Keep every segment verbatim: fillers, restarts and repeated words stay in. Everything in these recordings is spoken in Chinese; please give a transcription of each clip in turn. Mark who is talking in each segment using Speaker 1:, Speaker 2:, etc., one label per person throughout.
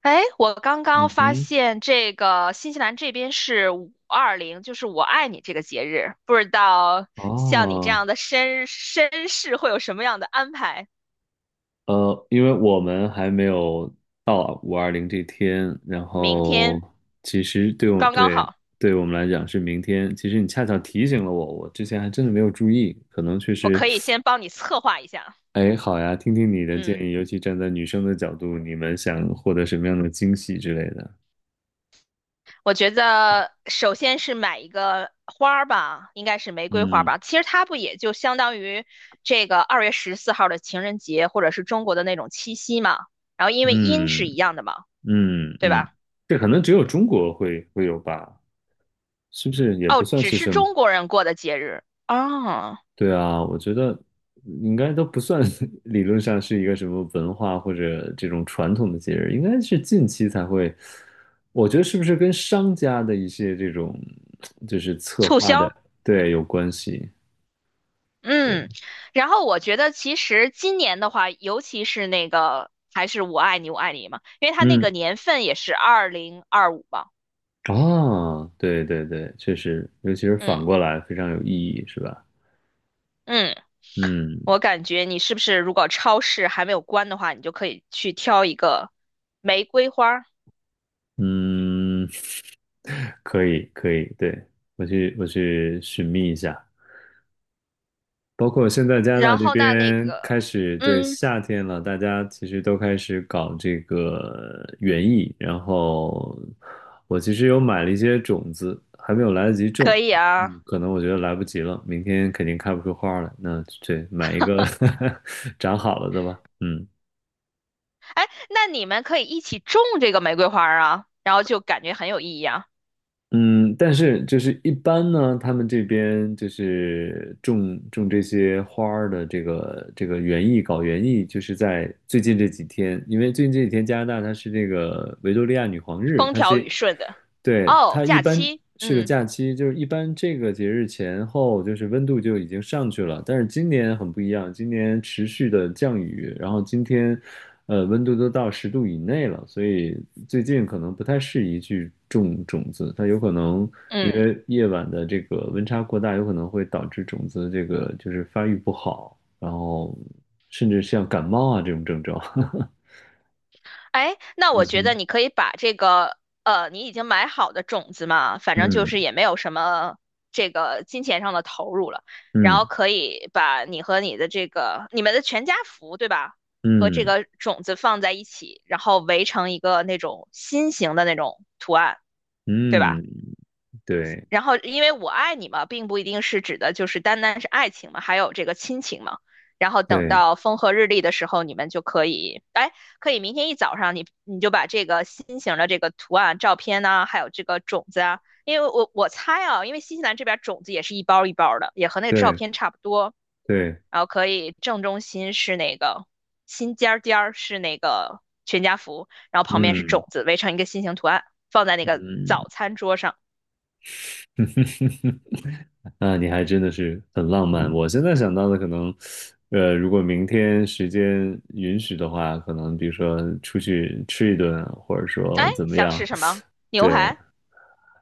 Speaker 1: 哎，我刚刚
Speaker 2: 嗯
Speaker 1: 发
Speaker 2: 哼，
Speaker 1: 现这个新西兰这边是五二零，就是我爱你这个节日，不知道像你这
Speaker 2: 哦，
Speaker 1: 样的绅绅士会有什么样的安排？
Speaker 2: 呃，因为我们还没有到五二零这天，然
Speaker 1: 明
Speaker 2: 后
Speaker 1: 天
Speaker 2: 其实对我
Speaker 1: 刚刚
Speaker 2: 对
Speaker 1: 好，
Speaker 2: 对我们来讲是明天。其实你恰巧提醒了我，我之前还真的没有注意，可能确
Speaker 1: 我
Speaker 2: 实。
Speaker 1: 可以先帮你策划一下。
Speaker 2: 哎，好呀，听听你的建
Speaker 1: 嗯，
Speaker 2: 议，尤其站在女生的角度，你们想获得什么样的惊喜之类的？
Speaker 1: 我觉得首先是买一个花儿吧，应该是玫瑰花儿
Speaker 2: 嗯
Speaker 1: 吧。其实它不也就相当于这个二月十四号的情人节，或者是中国的那种七夕嘛。然后因为音
Speaker 2: 嗯
Speaker 1: 是一样的嘛，
Speaker 2: 嗯
Speaker 1: 对
Speaker 2: 嗯，
Speaker 1: 吧？
Speaker 2: 这可能只有中国会会有吧？是不是也不
Speaker 1: 哦，
Speaker 2: 算
Speaker 1: 只
Speaker 2: 是
Speaker 1: 是
Speaker 2: 什么？
Speaker 1: 中国人过的节日啊，
Speaker 2: 对啊，我觉得应该都不算 理论上是一个什么文化或者这种传统的节日，应该是近期才会。我觉得是不是跟商家的一些这种就是策
Speaker 1: 促
Speaker 2: 划的，
Speaker 1: 销，
Speaker 2: 对，有关系。对，
Speaker 1: 嗯，然后我觉得其实今年的话，尤其是那个还是我爱你我爱你嘛，因为它那
Speaker 2: 嗯，
Speaker 1: 个年份也是二零二五嘛，
Speaker 2: 啊，对对对，确实，尤其是反
Speaker 1: 嗯
Speaker 2: 过来非常有意义，是吧？
Speaker 1: 嗯，
Speaker 2: 嗯
Speaker 1: 我感觉你是不是如果超市还没有关的话，你就可以去挑一个玫瑰花儿。
Speaker 2: 嗯，可以可以，对，我去我去寻觅一下。包括现在加拿大
Speaker 1: 然
Speaker 2: 这
Speaker 1: 后那那
Speaker 2: 边
Speaker 1: 个
Speaker 2: 开始对
Speaker 1: 嗯
Speaker 2: 夏天了，大家其实都开始搞这个园艺，然后我其实有买了一些种子，还没有来得及种。
Speaker 1: 可以啊。
Speaker 2: 嗯，可能我觉得来不及了，明天肯定开不出花儿来，那对，买一个 长好了的吧，嗯。
Speaker 1: 哎，那你们可以一起种这个玫瑰花儿啊，然后就感觉很有意义啊，
Speaker 2: 嗯，但是就是一般呢，他们这边就是种种这些花儿的这个这个园艺，搞园艺，就是在最近这几天，因为最近这几天加拿大它是这个维多利亚女皇日，
Speaker 1: 风
Speaker 2: 它
Speaker 1: 调
Speaker 2: 是，
Speaker 1: 雨顺的。
Speaker 2: 对，
Speaker 1: 哦，
Speaker 2: 它一
Speaker 1: 假
Speaker 2: 般。
Speaker 1: 期，
Speaker 2: 是个
Speaker 1: 嗯
Speaker 2: 假期，就是一般这个节日前后，就是温度就已经上去了。但是今年很不一样，今年持续的降雨，然后今天，呃，温度都到十度以内了，所以最近可能不太适宜去种种子，它有可能因
Speaker 1: 嗯。
Speaker 2: 为夜晚的这个温差过大，有可能会导致种子这个就是发育不好，然后甚至像感冒啊这种症状。
Speaker 1: 哎，那我
Speaker 2: 嗯
Speaker 1: 觉得
Speaker 2: 哼，
Speaker 1: 你可以把这个呃，你已经买好的种子嘛，反正就
Speaker 2: 嗯
Speaker 1: 是也没有什么这个金钱上的投入了，然后
Speaker 2: 嗯
Speaker 1: 可以把你和你的这个你们的全家福，对吧？和这
Speaker 2: 嗯
Speaker 1: 个种子放在一起，然后围成一个那种心形的那种图案，对
Speaker 2: 嗯
Speaker 1: 吧？
Speaker 2: 嗯，对
Speaker 1: 然后，因为我爱你嘛，并不一定是指的就是单单是爱情嘛，还有这个亲情嘛。然后等
Speaker 2: 对。
Speaker 1: 到风和日丽的时候，你们就可以，哎，可以明天一早上你，你就把这个心形的这个图案、照片呐、还有这个种子啊，因为我我猜啊，因为新西兰这边种子也是一包一包的，也和那个照
Speaker 2: 对
Speaker 1: 片差不多。
Speaker 2: 对，
Speaker 1: 然后可以正中心是那个心尖儿尖儿是那个全家福，然后旁边是
Speaker 2: 嗯
Speaker 1: 种子，围成一个心形图案，放在那个
Speaker 2: 嗯，
Speaker 1: 早餐桌上。
Speaker 2: 那你还真的是很浪漫。我现在想到的可能，呃，如果明天时间允许的话，可能比如说出去吃一顿，或者
Speaker 1: 哎，
Speaker 2: 说怎么
Speaker 1: 想
Speaker 2: 样，
Speaker 1: 吃什么？牛
Speaker 2: 对，
Speaker 1: 排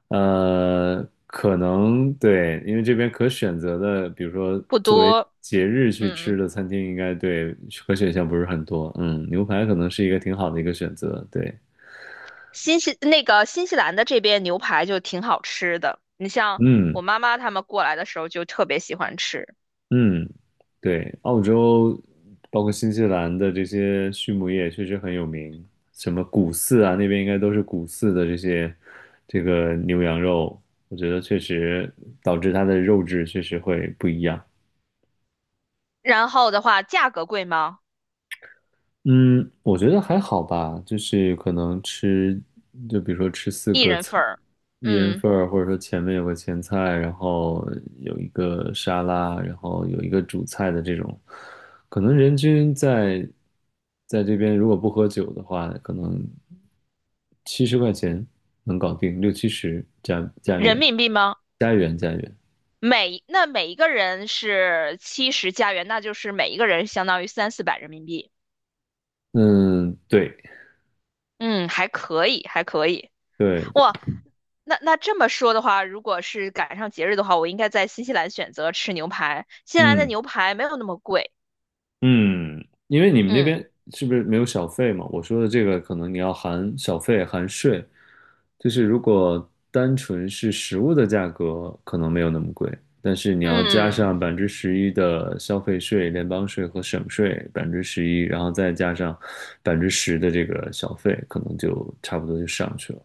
Speaker 2: 呃，可能对，因为这边可选择的，比如说
Speaker 1: 不
Speaker 2: 作为
Speaker 1: 多，
Speaker 2: 节日去
Speaker 1: 嗯。
Speaker 2: 吃的餐厅，应该对可选项不是很多。嗯，牛排可能是一个挺好的一个选择。对，
Speaker 1: 新西那个新西兰的这边牛排就挺好吃的。你像
Speaker 2: 嗯。
Speaker 1: 我妈妈他们过来的时候就特别喜欢吃。
Speaker 2: 嗯，对，澳洲包括新西兰的这些畜牧业确实很有名，什么谷饲啊，那边应该都是谷饲的这些这个牛羊肉，我觉得确实导致它的肉质确实会不一样。
Speaker 1: 然后的话，价格贵吗？
Speaker 2: 嗯，我觉得还好吧，就是可能吃，就比如说吃四
Speaker 1: 一
Speaker 2: 个
Speaker 1: 人
Speaker 2: 菜，
Speaker 1: 份儿，
Speaker 2: 一人
Speaker 1: 嗯。
Speaker 2: 份儿，或者说前面有个前菜，然后有一个沙拉，然后有一个主菜的这种，可能人均在在这边如果不喝酒的话，可能七十块钱能搞定，六七十加加
Speaker 1: 人
Speaker 2: 元，
Speaker 1: 民币吗？
Speaker 2: 加元加元。
Speaker 1: 每那每一个人是七十加元，那就是每一个人相当于三四百人民币。
Speaker 2: 嗯，对
Speaker 1: 嗯，还可以，还可以。
Speaker 2: 对对，
Speaker 1: 哇，那那这么说的话，如果是赶上节日的话，我应该在新西兰选择吃牛排。新西兰的
Speaker 2: 嗯。
Speaker 1: 牛排没有那么贵，
Speaker 2: 嗯，因为你们那
Speaker 1: 嗯
Speaker 2: 边是不是没有小费嘛？我说的这个可能你要含小费、含税，就是如果单纯是食物的价格，可能没有那么贵，但是你要加
Speaker 1: 嗯。
Speaker 2: 上百分之十一的消费税、联邦税和省税百分之十一，然后再加上百分之十的这个小费，可能就差不多就上去了。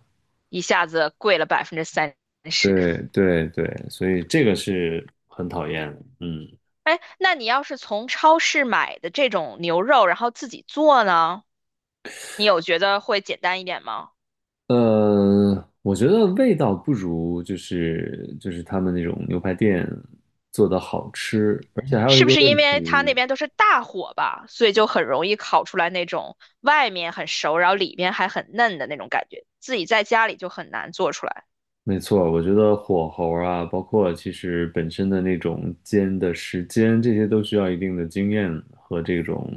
Speaker 1: 一下子贵了百分之三十。
Speaker 2: 对对对，所以这个是很讨厌的，嗯。
Speaker 1: 哎，那你要是从超市买的这种牛肉，然后自己做呢，你有觉得会简单一点吗？
Speaker 2: 呃，我觉得味道不如就是就是他们那种牛排店做的好吃，而且还有
Speaker 1: 是
Speaker 2: 一
Speaker 1: 不
Speaker 2: 个
Speaker 1: 是因
Speaker 2: 问
Speaker 1: 为它那
Speaker 2: 题，
Speaker 1: 边都是大火吧，所以就很容易烤出来那种外面很熟，然后里面还很嫩的那种感觉，自己在家里就很难做出来。
Speaker 2: 没错，我觉得火候啊，包括其实本身的那种煎的时间，这些都需要一定的经验和这种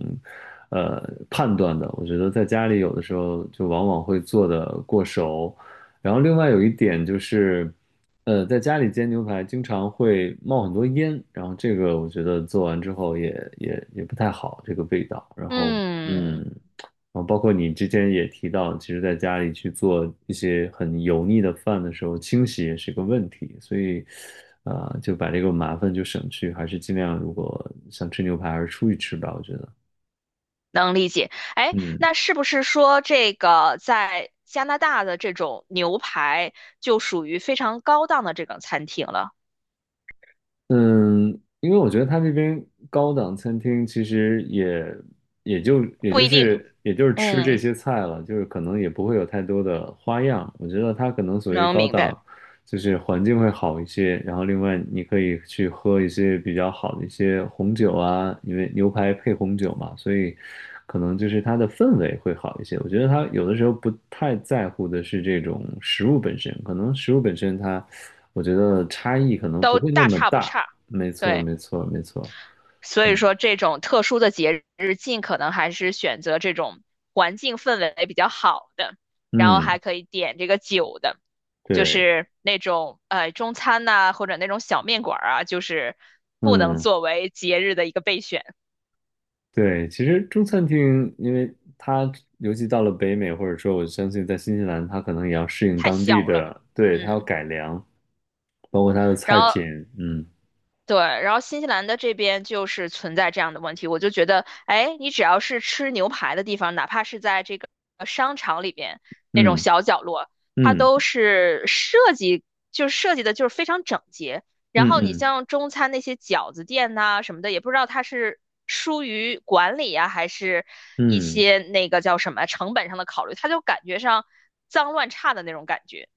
Speaker 2: 呃判断的。我觉得在家里有的时候就往往会做的过熟，然后另外有一点就是，呃，在家里煎牛排经常会冒很多烟，然后这个我觉得做完之后也也也不太好，这个味道。然后
Speaker 1: 嗯。
Speaker 2: 嗯。啊，包括你之前也提到，其实在家里去做一些很油腻的饭的时候，清洗也是个问题，所以，啊、就把这个麻烦就省去，还是尽量如果想吃牛排，还是出去吃吧，我觉得。
Speaker 1: 能理解。哎，
Speaker 2: 嗯
Speaker 1: 那是不是说这个在加拿大的这种牛排就属于非常高档的这种餐厅了？
Speaker 2: 嗯，因为我觉得他那边高档餐厅其实也也就也
Speaker 1: 不
Speaker 2: 就
Speaker 1: 一定，
Speaker 2: 是也就是吃这
Speaker 1: 嗯，
Speaker 2: 些菜了，就是可能也不会有太多的花样。我觉得它可能所谓
Speaker 1: 能
Speaker 2: 高
Speaker 1: 明白，
Speaker 2: 档，就是环境会好一些，然后另外你可以去喝一些比较好的一些红酒啊，因为牛排配红酒嘛，所以可能就是它的氛围会好一些。我觉得他有的时候不太在乎的是这种食物本身，可能食物本身它，我觉得差异可能不
Speaker 1: 都
Speaker 2: 会那
Speaker 1: 大
Speaker 2: 么
Speaker 1: 差不
Speaker 2: 大。
Speaker 1: 差。
Speaker 2: 没错，
Speaker 1: 对，
Speaker 2: 没错，没错。
Speaker 1: 所以
Speaker 2: 嗯
Speaker 1: 说这种特殊的节日，尽可能还是选择这种环境氛围比较好的，然后
Speaker 2: 嗯，
Speaker 1: 还可以点这个酒的，就
Speaker 2: 对，
Speaker 1: 是那种呃中餐呐、或者那种小面馆儿啊，就是不能
Speaker 2: 嗯
Speaker 1: 作为节日的一个备选。
Speaker 2: 对。其实中餐厅，因为它尤其到了北美，或者说我相信在新西兰，它可能也要适应
Speaker 1: 太
Speaker 2: 当地
Speaker 1: 小了，
Speaker 2: 的，对，它要
Speaker 1: 嗯。
Speaker 2: 改良，包括它的
Speaker 1: 然
Speaker 2: 菜
Speaker 1: 后
Speaker 2: 品。嗯
Speaker 1: 对，然后新西兰的这边就是存在这样的问题，我就觉得，哎，你只要是吃牛排的地方，哪怕是在这个呃商场里边那种
Speaker 2: 嗯
Speaker 1: 小角落，它
Speaker 2: 嗯
Speaker 1: 都是设计，就是设计的就是非常整洁。然
Speaker 2: 嗯嗯
Speaker 1: 后你
Speaker 2: 嗯。
Speaker 1: 像中餐那些饺子店呐、什么的，也不知道它是疏于管理啊，还是一
Speaker 2: 嗯
Speaker 1: 些那个叫什么成本上的考虑，它就感觉上脏乱差的那种感觉。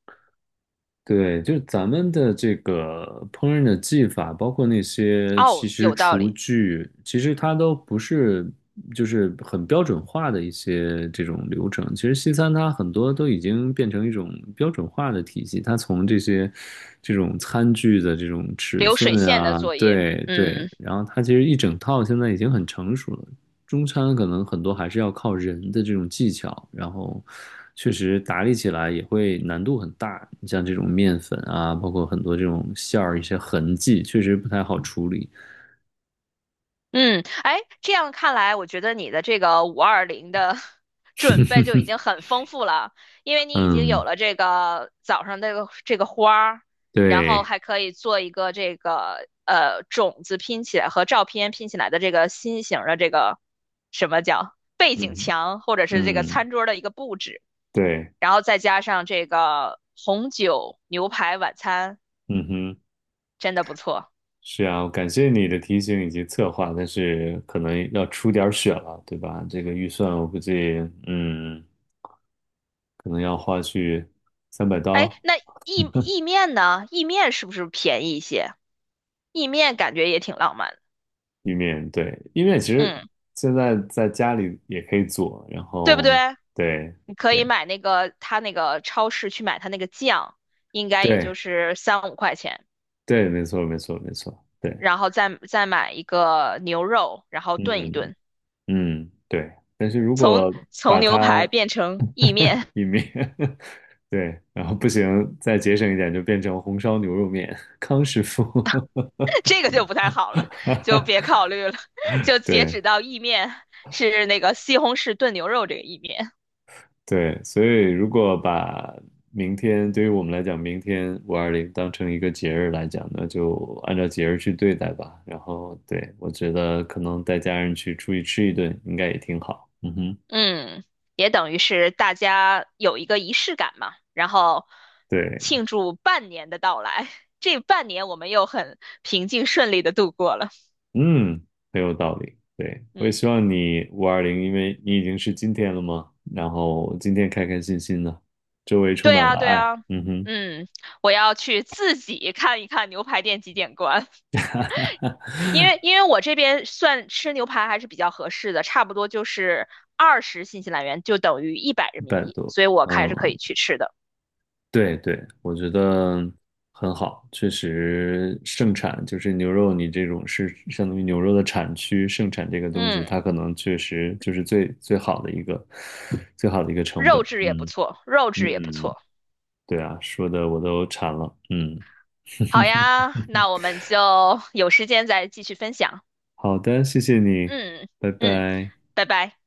Speaker 2: 对，就是咱们的这个烹饪的技法，包括那些其
Speaker 1: 哦，
Speaker 2: 实
Speaker 1: 有道
Speaker 2: 厨
Speaker 1: 理。
Speaker 2: 具，其实它都不是就是很标准化的一些这种流程。其实西餐它很多都已经变成一种标准化的体系，它从这些这种餐具的这种尺
Speaker 1: 流水
Speaker 2: 寸
Speaker 1: 线的
Speaker 2: 啊，
Speaker 1: 作业。
Speaker 2: 对对，
Speaker 1: 嗯
Speaker 2: 然后它其实一整套现在已经很成熟了。中餐可能很多还是要靠人的这种技巧，然后确实打理起来也会难度很大。你像这种面粉啊，包括很多这种馅儿一些痕迹，确实不太好处理。
Speaker 1: 嗯。哎，这样看来，我觉得你的这个五二零的 准备就已 经很丰富了，因为你已经有
Speaker 2: 嗯，
Speaker 1: 了这个早上这个这个花儿，然后
Speaker 2: 对，
Speaker 1: 还可以做一个这个呃种子拼起来和照片拼起来的这个心形的这个什么叫背景
Speaker 2: 嗯
Speaker 1: 墙，或者是这个
Speaker 2: 嗯，
Speaker 1: 餐桌的一个布置，
Speaker 2: 对，
Speaker 1: 然后再加上这个红酒牛排晚餐，
Speaker 2: 嗯哼，
Speaker 1: 真的不错。
Speaker 2: 是啊，感谢你的提醒以及策划，但是可能要出点儿血了，对吧？这个预算我估计，嗯，可能要花去三百
Speaker 1: 哎，
Speaker 2: 刀。
Speaker 1: 那意意面呢？意面是不是便宜一些？意面感觉也挺浪漫的，
Speaker 2: 意面，对，意面其实
Speaker 1: 嗯，
Speaker 2: 现在在家里也可以做，然
Speaker 1: 对不对？
Speaker 2: 后对
Speaker 1: 你可以
Speaker 2: 对
Speaker 1: 买那个他那个超市去买他那个酱，应该也
Speaker 2: 对
Speaker 1: 就是三五块钱，
Speaker 2: 对，没错没错没错，对，
Speaker 1: 然后再再买一个牛肉，然后炖一
Speaker 2: 嗯
Speaker 1: 炖，
Speaker 2: 嗯对，但是如果
Speaker 1: 从
Speaker 2: 把
Speaker 1: 牛排
Speaker 2: 它
Speaker 1: 变成意 面。
Speaker 2: 意面，对，然后不行，再节省一点就变成红烧牛肉面，康师傅，
Speaker 1: 这 个就不太好了，就别考虑了，就截
Speaker 2: 对
Speaker 1: 止到意面是那个西红柿炖牛肉这个意面。
Speaker 2: 对，所以如果把明天对于我们来讲，明天五二零当成一个节日来讲，那就按照节日去对待吧。然后，对，我觉得可能带家人去出去吃一顿，应该也挺好。嗯哼，
Speaker 1: 嗯，也等于是大家有一个仪式感嘛，然后
Speaker 2: 对，
Speaker 1: 庆祝半年的到来。这半年我们又很平静顺利的度过了。
Speaker 2: 嗯，很有道理。对，我也
Speaker 1: 嗯，
Speaker 2: 希望你五二零，因为你已经是今天了嘛，然后今天开开心心的，周围充
Speaker 1: 对
Speaker 2: 满
Speaker 1: 啊，
Speaker 2: 了
Speaker 1: 对
Speaker 2: 爱。
Speaker 1: 啊。
Speaker 2: 嗯哼，
Speaker 1: 嗯，我要去自己看一看牛排店几点关。因为因为我这边算吃牛排还是比较合适的，差不多就是二十新西兰元就等于一百
Speaker 2: 一
Speaker 1: 人民
Speaker 2: 百
Speaker 1: 币，
Speaker 2: 多。
Speaker 1: 所以我还是可
Speaker 2: 嗯。
Speaker 1: 以去吃的。
Speaker 2: 对对，我觉得很好，确实盛产就是牛肉，你这种是相当于牛肉的产区盛产这个东西，
Speaker 1: 嗯，
Speaker 2: 它可能确实就是最最好的一个最好的一个成本。
Speaker 1: 肉质也不
Speaker 2: 嗯
Speaker 1: 错，肉质也不
Speaker 2: 嗯，
Speaker 1: 错。
Speaker 2: 对啊，说的我都馋了。嗯，
Speaker 1: 好呀，那我们就有时间再继续分享。
Speaker 2: 好的，谢谢你，
Speaker 1: 嗯
Speaker 2: 拜
Speaker 1: 嗯，
Speaker 2: 拜。
Speaker 1: 拜拜。